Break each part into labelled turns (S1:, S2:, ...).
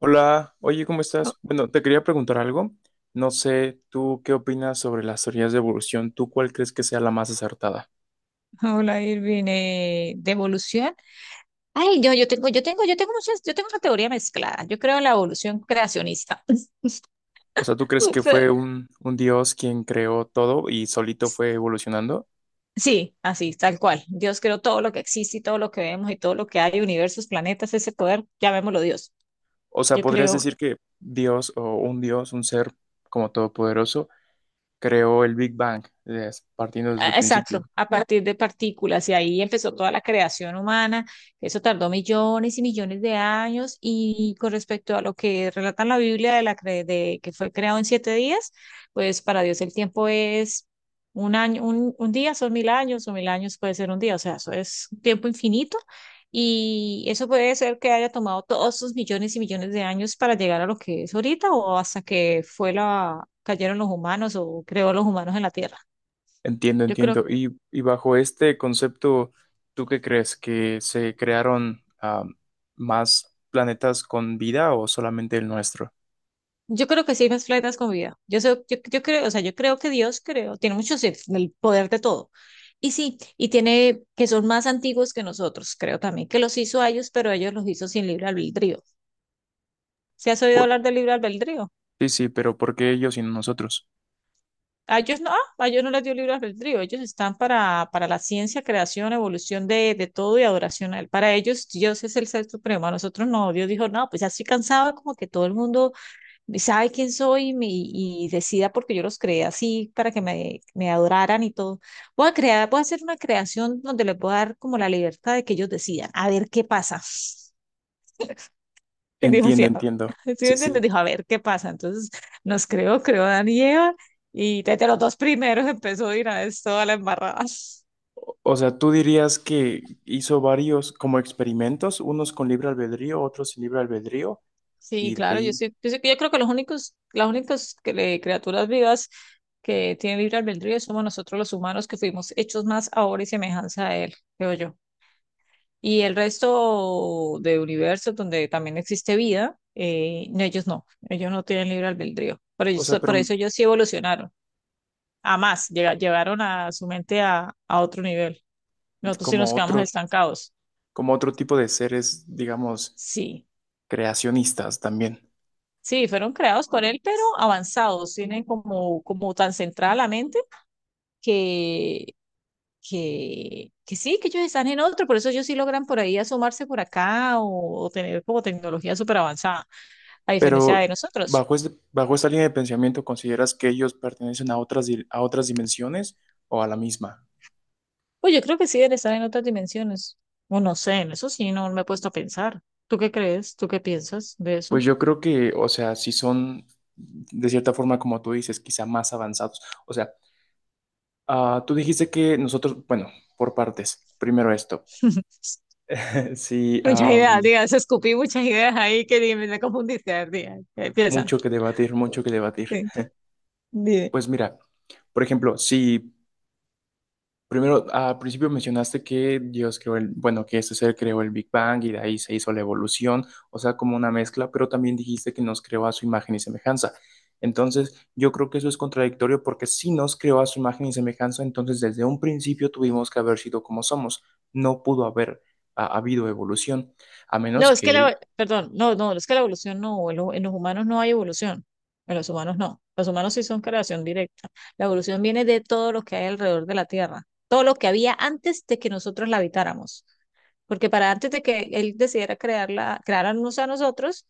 S1: Hola, oye, ¿cómo
S2: Oh,
S1: estás? Bueno, te quería preguntar algo. No sé, ¿tú qué opinas sobre las teorías de evolución? ¿Tú cuál crees que sea la más acertada?
S2: hola Irving, ¿de evolución? Ay, yo tengo, yo tengo, yo tengo muchas, yo tengo una teoría mezclada. Yo creo en la evolución creacionista.
S1: O sea, ¿tú crees
S2: O
S1: que
S2: sea,
S1: fue un dios quien creó todo y solito
S2: s-
S1: fue evolucionando?
S2: sí, así, tal cual. Dios creó todo lo que existe y todo lo que vemos y todo lo que hay, universos, planetas, ese poder, llamémoslo Dios.
S1: O sea,
S2: Yo
S1: ¿podrías
S2: creo
S1: decir que Dios o un dios, un ser como todopoderoso, creó el Big Bang, partiendo desde
S2: Ah,
S1: el
S2: exacto,
S1: principio?
S2: a partir de partículas y ahí empezó toda la creación humana. Eso tardó millones y millones de años y con respecto a lo que relata en la Biblia de que fue creado en 7 días, pues para Dios el tiempo es 1 año, un día son 1000 años o 1000 años puede ser un día, o sea, eso es un tiempo infinito y eso puede ser que haya tomado todos esos millones y millones de años para llegar a lo que es ahorita o hasta que cayeron los humanos o creó los humanos en la Tierra.
S1: Entiendo,
S2: Yo creo
S1: entiendo. Y bajo este concepto, ¿tú qué crees? ¿Que se crearon más planetas con vida o solamente el nuestro?
S2: Yo creo que sí hay más planetas con vida. Yo, creo, o sea, yo creo que Dios creo, tiene muchos el poder de todo. Y sí, y tiene que son más antiguos que nosotros, creo también, que los hizo a ellos, pero ellos los hizo sin libre albedrío. ¿Se has oído
S1: Por-
S2: hablar del libre albedrío?
S1: sí, sí, pero ¿por qué ellos y no nosotros?
S2: A ellos no, a ellos no les dio libre albedrío, ellos están para la ciencia, creación, evolución de todo y adoración a él. Para ellos Dios es el ser supremo, a nosotros no. Dios dijo, no, pues ya estoy cansado como que todo el mundo sabe quién soy y decida porque yo los creé así para que me adoraran y todo. Voy a crear, voy a hacer una creación donde les voy a dar como la libertad de que ellos decidan, a ver qué pasa. Y dijo así,
S1: Entiendo,
S2: "Ah",
S1: entiendo.
S2: ¿sí me
S1: Sí,
S2: entiendes?
S1: sí.
S2: Dijo, a ver qué pasa. Entonces nos creó, creó a Dan y Eva y desde los dos primeros empezó a ir a esto a la embarrada.
S1: O sea, tú dirías que hizo varios como experimentos, unos con libre albedrío, otros sin libre albedrío,
S2: Sí,
S1: y de
S2: claro,
S1: ahí,
S2: yo creo que los únicos, las únicas criaturas vivas que tienen libre albedrío somos nosotros los humanos que fuimos hechos más ahora y semejanza a él, creo yo. Y el resto de universos donde también existe vida, no, ellos no, ellos no tienen libre albedrío.
S1: o sea,
S2: Por
S1: pero
S2: eso ellos sí evolucionaron, a más, llevaron a su mente a otro nivel. Nosotros sí nos
S1: como
S2: quedamos
S1: otro,
S2: estancados.
S1: como otro tipo de seres, digamos,
S2: Sí,
S1: creacionistas también.
S2: sí, fueron creados por él, pero avanzados, tienen como, como tan centrada la mente que, que sí, que ellos están en otro, por eso ellos sí logran por ahí asomarse por acá o tener como tecnología súper avanzada, a diferencia
S1: Pero
S2: de nosotros.
S1: bajo este, bajo esta línea de pensamiento, ¿consideras que ellos pertenecen a otras, a otras dimensiones o a la misma?
S2: Pues yo creo que sí deben estar en otras dimensiones, o no sé, en eso sí no me he puesto a pensar. ¿Tú qué crees? ¿Tú qué piensas de eso?
S1: Pues yo creo que, o sea, si son de cierta forma, como tú dices, quizá más avanzados. O sea, tú dijiste que nosotros, bueno, por partes, primero esto. Sí,
S2: Muchas ideas, digas, escupí muchas ideas ahí que ni me confundiste. A ver, diga, ¿qué piensas?
S1: mucho que debatir, mucho que debatir.
S2: Sí, dime.
S1: Pues mira, por ejemplo, si primero, al principio mencionaste que Dios creó el, bueno, que este ser creó el Big Bang y de ahí se hizo la evolución, o sea, como una mezcla, pero también dijiste que nos creó a su imagen y semejanza. Entonces, yo creo que eso es contradictorio porque si nos creó a su imagen y semejanza, entonces desde un principio tuvimos que haber sido como somos. No pudo haber habido evolución, a menos
S2: No,
S1: que él,
S2: perdón, no, no, es que la evolución no, en los humanos no hay evolución, en los humanos no, los humanos sí son creación directa. La evolución viene de todo lo que hay alrededor de la Tierra, todo lo que había antes de que nosotros la habitáramos. Porque para antes de que él decidiera crearla, crearnos a nosotros,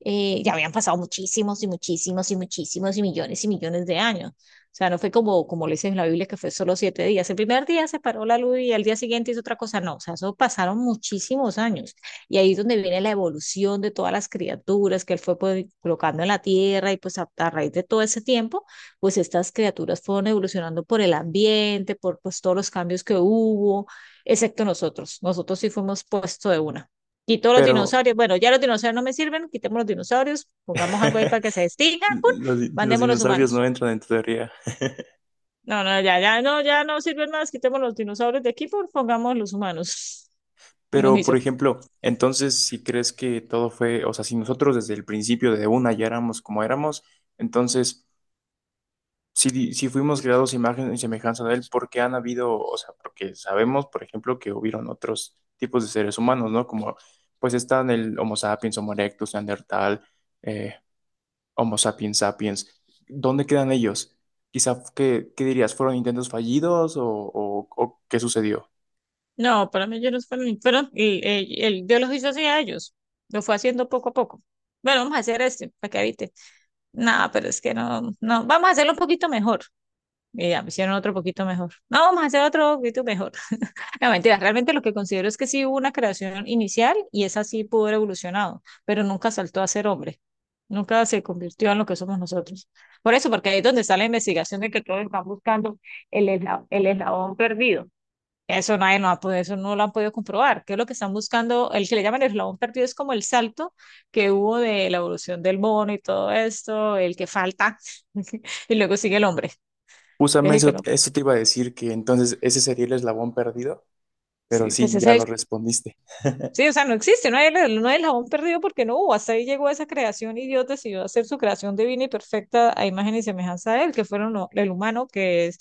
S2: ya habían pasado muchísimos y muchísimos y muchísimos y millones de años. O sea, no fue como, como le dice en la Biblia, que fue solo 7 días. El primer día se paró la luz y al día siguiente hizo otra cosa. No, o sea, eso pasaron muchísimos años. Y ahí es donde viene la evolución de todas las criaturas que él fue pues, colocando en la tierra y pues a raíz de todo ese tiempo, pues estas criaturas fueron evolucionando por el ambiente, por pues todos los cambios que hubo excepto nosotros. Nosotros sí fuimos puesto de una. Quito los
S1: pero
S2: dinosaurios. Bueno, ya los dinosaurios no me sirven, quitemos los dinosaurios, pongamos algo ahí para que se extingan, ¡pum!
S1: los, los
S2: Mandemos los
S1: dinosaurios
S2: humanos.
S1: no entran en tu teoría.
S2: No, no, ya no sirven más, quitemos los dinosaurios de aquí, por pongamos los humanos. Y nos
S1: Pero,
S2: hizo.
S1: por ejemplo, entonces, si crees que todo fue, o sea, si nosotros desde el principio, desde una, ya éramos como éramos, entonces, si fuimos creados a imagen y semejanza de él, ¿por qué han habido, o sea, porque sabemos, por ejemplo, que hubieron otros tipos de seres humanos, ¿no? Como, pues están el Homo sapiens, Homo erectus, Neandertal, eh, Homo sapiens sapiens. ¿Dónde quedan ellos? Quizá, ¿qué, qué dirías? ¿Fueron intentos fallidos o, o qué sucedió?
S2: No, para mí ellos no fueron, pero el Dios los hizo así a ellos. Lo fue haciendo poco a poco. Bueno, vamos a hacer este para que habite. No, pero es que no, no, vamos a hacerlo un poquito mejor. Y ya me hicieron otro poquito mejor. No, vamos a hacer otro poquito mejor. No, mentiras, realmente lo que considero es que sí hubo una creación inicial y esa sí pudo haber evolucionado, pero nunca saltó a ser hombre, nunca se convirtió en lo que somos nosotros. Por eso, porque ahí es donde está la investigación de que todos están buscando el eslabón perdido. Eso nadie no ha podido, eso no lo han podido comprobar. ¿Qué es lo que están buscando? El que le llaman el eslabón perdido es como el salto que hubo de la evolución del mono y todo esto, el que falta, y luego sigue el hombre, que es el
S1: Justamente
S2: que
S1: eso,
S2: no.
S1: eso te iba a decir que entonces ese sería el eslabón perdido, pero
S2: Sí, pues
S1: sí, ya
S2: ese es
S1: lo
S2: el
S1: respondiste.
S2: sí, o sea, no existe, no hay, no hay el jabón perdido porque no hubo. Hasta ahí llegó esa creación y Dios decidió hacer su creación divina y perfecta a imagen y semejanza de él, que fueron el humano, que es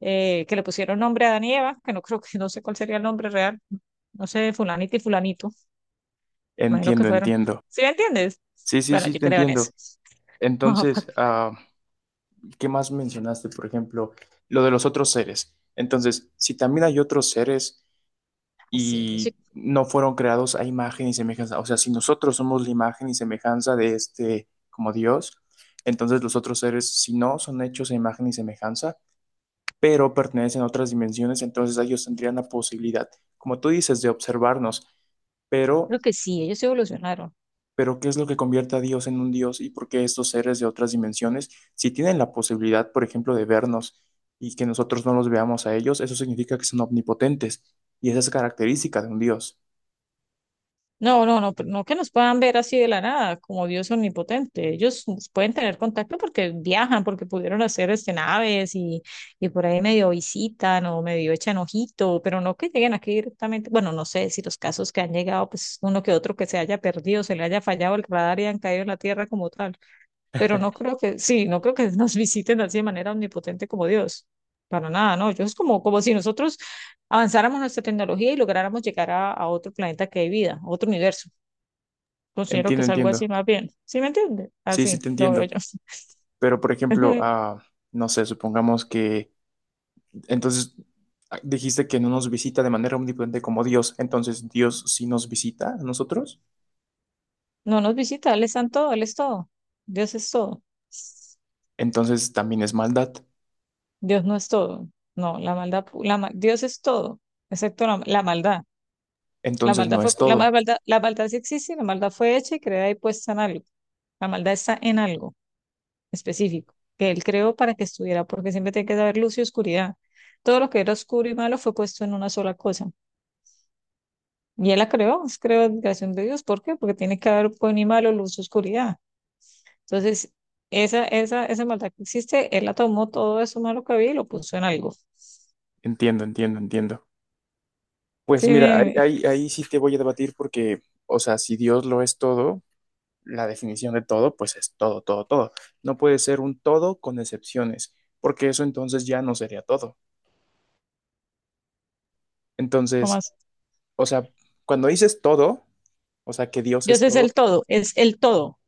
S2: que le pusieron nombre a Adán y Eva, que no creo que no sé cuál sería el nombre real, no sé, fulanito y fulanito, imagino que
S1: Entiendo,
S2: fueron.
S1: entiendo.
S2: ¿Sí me entiendes?
S1: Sí, sí,
S2: Bueno,
S1: sí,
S2: yo
S1: te
S2: creo en
S1: entiendo.
S2: eso.
S1: Entonces, ¿qué más mencionaste? Por ejemplo, lo de los otros seres. Entonces, si también hay otros seres
S2: Ah, sí, yo sí
S1: y no fueron creados a imagen y semejanza, o sea, si nosotros somos la imagen y semejanza de este como Dios, entonces los otros seres, si no son hechos a imagen y semejanza, pero pertenecen a otras dimensiones, entonces ellos tendrían la posibilidad, como tú dices, de observarnos,
S2: creo
S1: pero,
S2: que sí, ellos evolucionaron.
S1: pero ¿qué es lo que convierte a Dios en un Dios y por qué estos seres de otras dimensiones, si tienen la posibilidad, por ejemplo, de vernos y que nosotros no los veamos a ellos, eso significa que son omnipotentes y esa es característica de un Dios.
S2: No, no, no, no que nos puedan ver así de la nada, como Dios omnipotente. Ellos pueden tener contacto porque viajan, porque pudieron hacer este naves y por ahí medio visitan o medio echan ojito, pero no que lleguen aquí directamente. Bueno, no sé si los casos que han llegado, pues uno que otro que se haya perdido, se le haya fallado el radar y han caído en la tierra como tal. Pero no creo que, sí, no creo que nos visiten así de manera omnipotente como Dios. Para nada, no. Yo es como, como si nosotros avanzáramos nuestra tecnología y lográramos llegar a otro planeta que hay vida, a otro universo. Considero que
S1: Entiendo,
S2: es algo
S1: entiendo.
S2: así más bien. ¿Sí me entiende?
S1: Sí, sí
S2: Así
S1: te
S2: lo veo
S1: entiendo.
S2: yo.
S1: Pero, por
S2: Es
S1: ejemplo,
S2: muy-
S1: no sé, supongamos que entonces, dijiste que no nos visita de manera omnipotente como Dios, entonces Dios sí nos visita a nosotros,
S2: no nos visita, Él es santo, Él es todo. Dios es todo.
S1: entonces también es maldad,
S2: Dios no es todo. No, la maldad, pu- la, ma- Dios es todo, excepto la maldad.
S1: entonces no es
S2: La
S1: todo.
S2: maldad, la maldad sí existe, la maldad fue hecha y creada y puesta en algo. La maldad está en algo específico que él creó para que estuviera, porque siempre tiene que haber luz y oscuridad. Todo lo que era oscuro y malo fue puesto en una sola cosa. Y él la creó, es creación de Dios. ¿Por qué? Porque tiene que haber buen y malo, luz y oscuridad. Entonces, esa maldad que existe, él la tomó todo eso malo que había y lo puso en algo.
S1: Entiendo, entiendo, entiendo.
S2: Sí,
S1: Pues mira, ahí,
S2: me,
S1: ahí, ahí sí te voy a debatir porque, o sea, si Dios lo es todo, la definición de todo, pues es todo, todo, todo. No puede ser un todo con excepciones, porque eso entonces ya no sería todo.
S2: ¿Cómo
S1: Entonces,
S2: así?
S1: o sea, cuando dices todo, o sea, que Dios
S2: Dios
S1: es
S2: es
S1: todo
S2: el todo, Es el todo,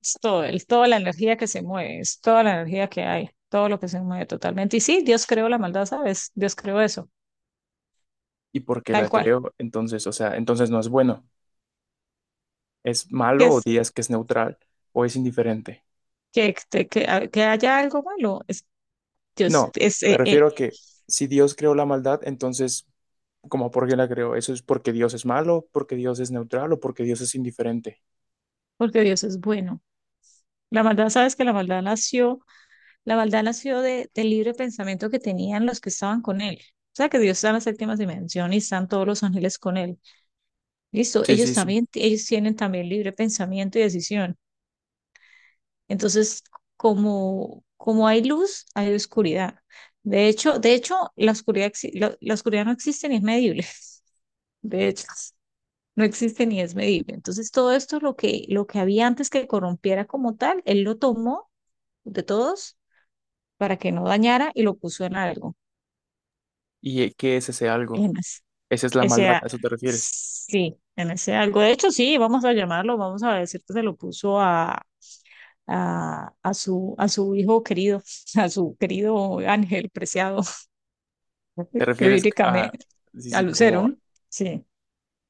S2: es todo, el, toda la energía que se mueve, es toda la energía que hay, todo lo que se mueve totalmente. Y sí, Dios creó la maldad, ¿sabes? Dios creó eso,
S1: y porque
S2: tal
S1: la
S2: cual.
S1: creó, entonces, o sea, entonces no es bueno. Es
S2: Que
S1: malo o
S2: es
S1: dirías que es neutral o es indiferente.
S2: que haya algo malo, es Dios,
S1: No, me refiero a que si Dios creó la maldad, entonces, ¿cómo por qué la creó? ¿Eso es porque Dios es malo, porque Dios es neutral o porque Dios es indiferente?
S2: porque Dios es bueno. La maldad, ¿sabes que la maldad nació? La maldad nació del libre pensamiento que tenían los que estaban con él. O sea, que Dios está en la séptima dimensión y están todos los ángeles con él. Listo,
S1: Sí,
S2: ellos
S1: sí, sí.
S2: también, ellos tienen también libre pensamiento y decisión. Entonces, como, como hay luz, hay oscuridad. De hecho, la oscuridad no existe ni es medible. De hecho, no existe ni es medible. Entonces, todo esto, lo que había antes que corrompiera como tal, él lo tomó de todos para que no dañara y lo puso en algo.
S1: ¿Y qué es ese algo? Esa es la
S2: Ese,
S1: maldad,
S2: a-
S1: ¿a eso te refieres?
S2: sí, en ese algo. De hecho, sí, vamos a llamarlo, vamos a decir que se lo puso a su hijo querido, a su querido ángel preciado,
S1: ¿Te
S2: que
S1: refieres a...
S2: bíblicamente,
S1: Sí,
S2: a
S1: sí, como...
S2: Lucero, sí.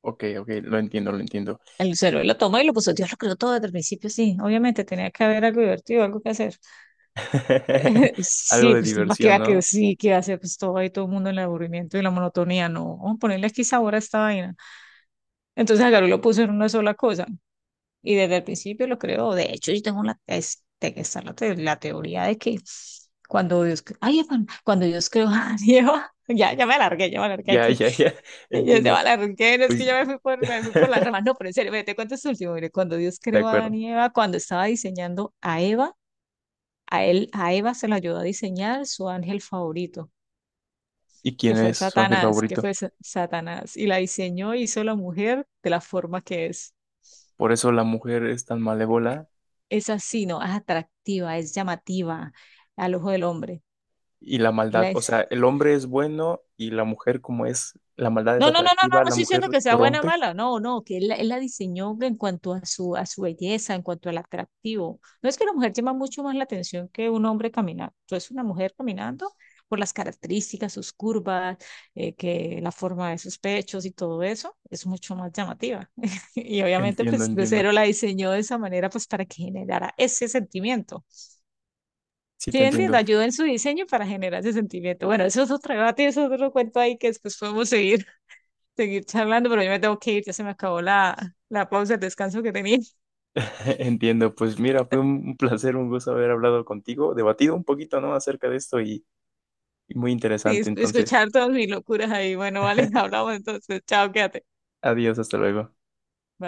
S1: Ok, ok, lo entiendo, lo entiendo.
S2: El Lucero lo tomó y lo puso, Dios lo creó todo desde el principio, sí, obviamente tenía que haber algo divertido, algo que hacer.
S1: Algo
S2: Sí,
S1: de
S2: pues qué
S1: diversión,
S2: va que
S1: ¿no?
S2: sí, que va a hacer pues todo ahí, todo el mundo en el aburrimiento y la monotonía, no, vamos a ponerle aquí sabor a esta vaina. Entonces agarró y lo puso en una sola cosa. Y desde el principio lo creo. De hecho, yo tengo la, este, está la teoría de que cuando Dios, cre- ay, Efan, cuando Dios creó a Eva, ya, ya me alargué
S1: Ya,
S2: aquí.
S1: ya, ya,
S2: Yo ya
S1: entiendo.
S2: me alargué, no, es que
S1: Pues,
S2: ya me fui por las ramas. No, pero en serio, mire, te cuento este último. Mire, cuando Dios
S1: de
S2: creó a Adán
S1: acuerdo.
S2: y Eva, cuando estaba diseñando a Eva, a Eva se la ayudó a diseñar su ángel favorito,
S1: ¿Y
S2: que
S1: quién
S2: fue
S1: es su ángel
S2: Satanás,
S1: favorito?
S2: Satanás. Y la diseñó, hizo la mujer de la forma que es.
S1: Por eso la mujer es tan malévola
S2: Es así, ¿no? Es atractiva, es llamativa al ojo del hombre.
S1: y la maldad,
S2: la
S1: o sea,
S2: es-
S1: el hombre es bueno y la mujer como es, la maldad es
S2: No, no, no, no, no,
S1: atractiva,
S2: no
S1: la
S2: estoy
S1: mujer
S2: diciendo que sea buena o
S1: corrompe.
S2: mala, no, no, que él, él la diseñó en cuanto a su belleza, en cuanto al atractivo. No es que la mujer llama mucho más la atención que un hombre caminando. Entonces, una mujer caminando por las características, sus curvas, que la forma de sus pechos y todo eso, es mucho más llamativa. Y obviamente,
S1: Entiendo,
S2: pues,
S1: entiendo.
S2: Lucero la diseñó de esa manera, pues, para que generara ese sentimiento.
S1: Sí,
S2: Sí,
S1: te
S2: entiendo,
S1: entiendo.
S2: ayuda en su diseño para generar ese sentimiento. Bueno, eso es otro debate, eso es otro cuento ahí que después podemos seguir, seguir charlando, pero yo me tengo que ir, ya se me acabó la pausa, el descanso que tenía
S1: Entiendo. Pues mira, fue un placer, un gusto haber hablado contigo, debatido un poquito, ¿no? acerca de esto y muy
S2: y
S1: interesante. Entonces,
S2: escuchar todas mis locuras ahí. Bueno, vale, hablamos entonces, chao, quédate.
S1: adiós, hasta luego.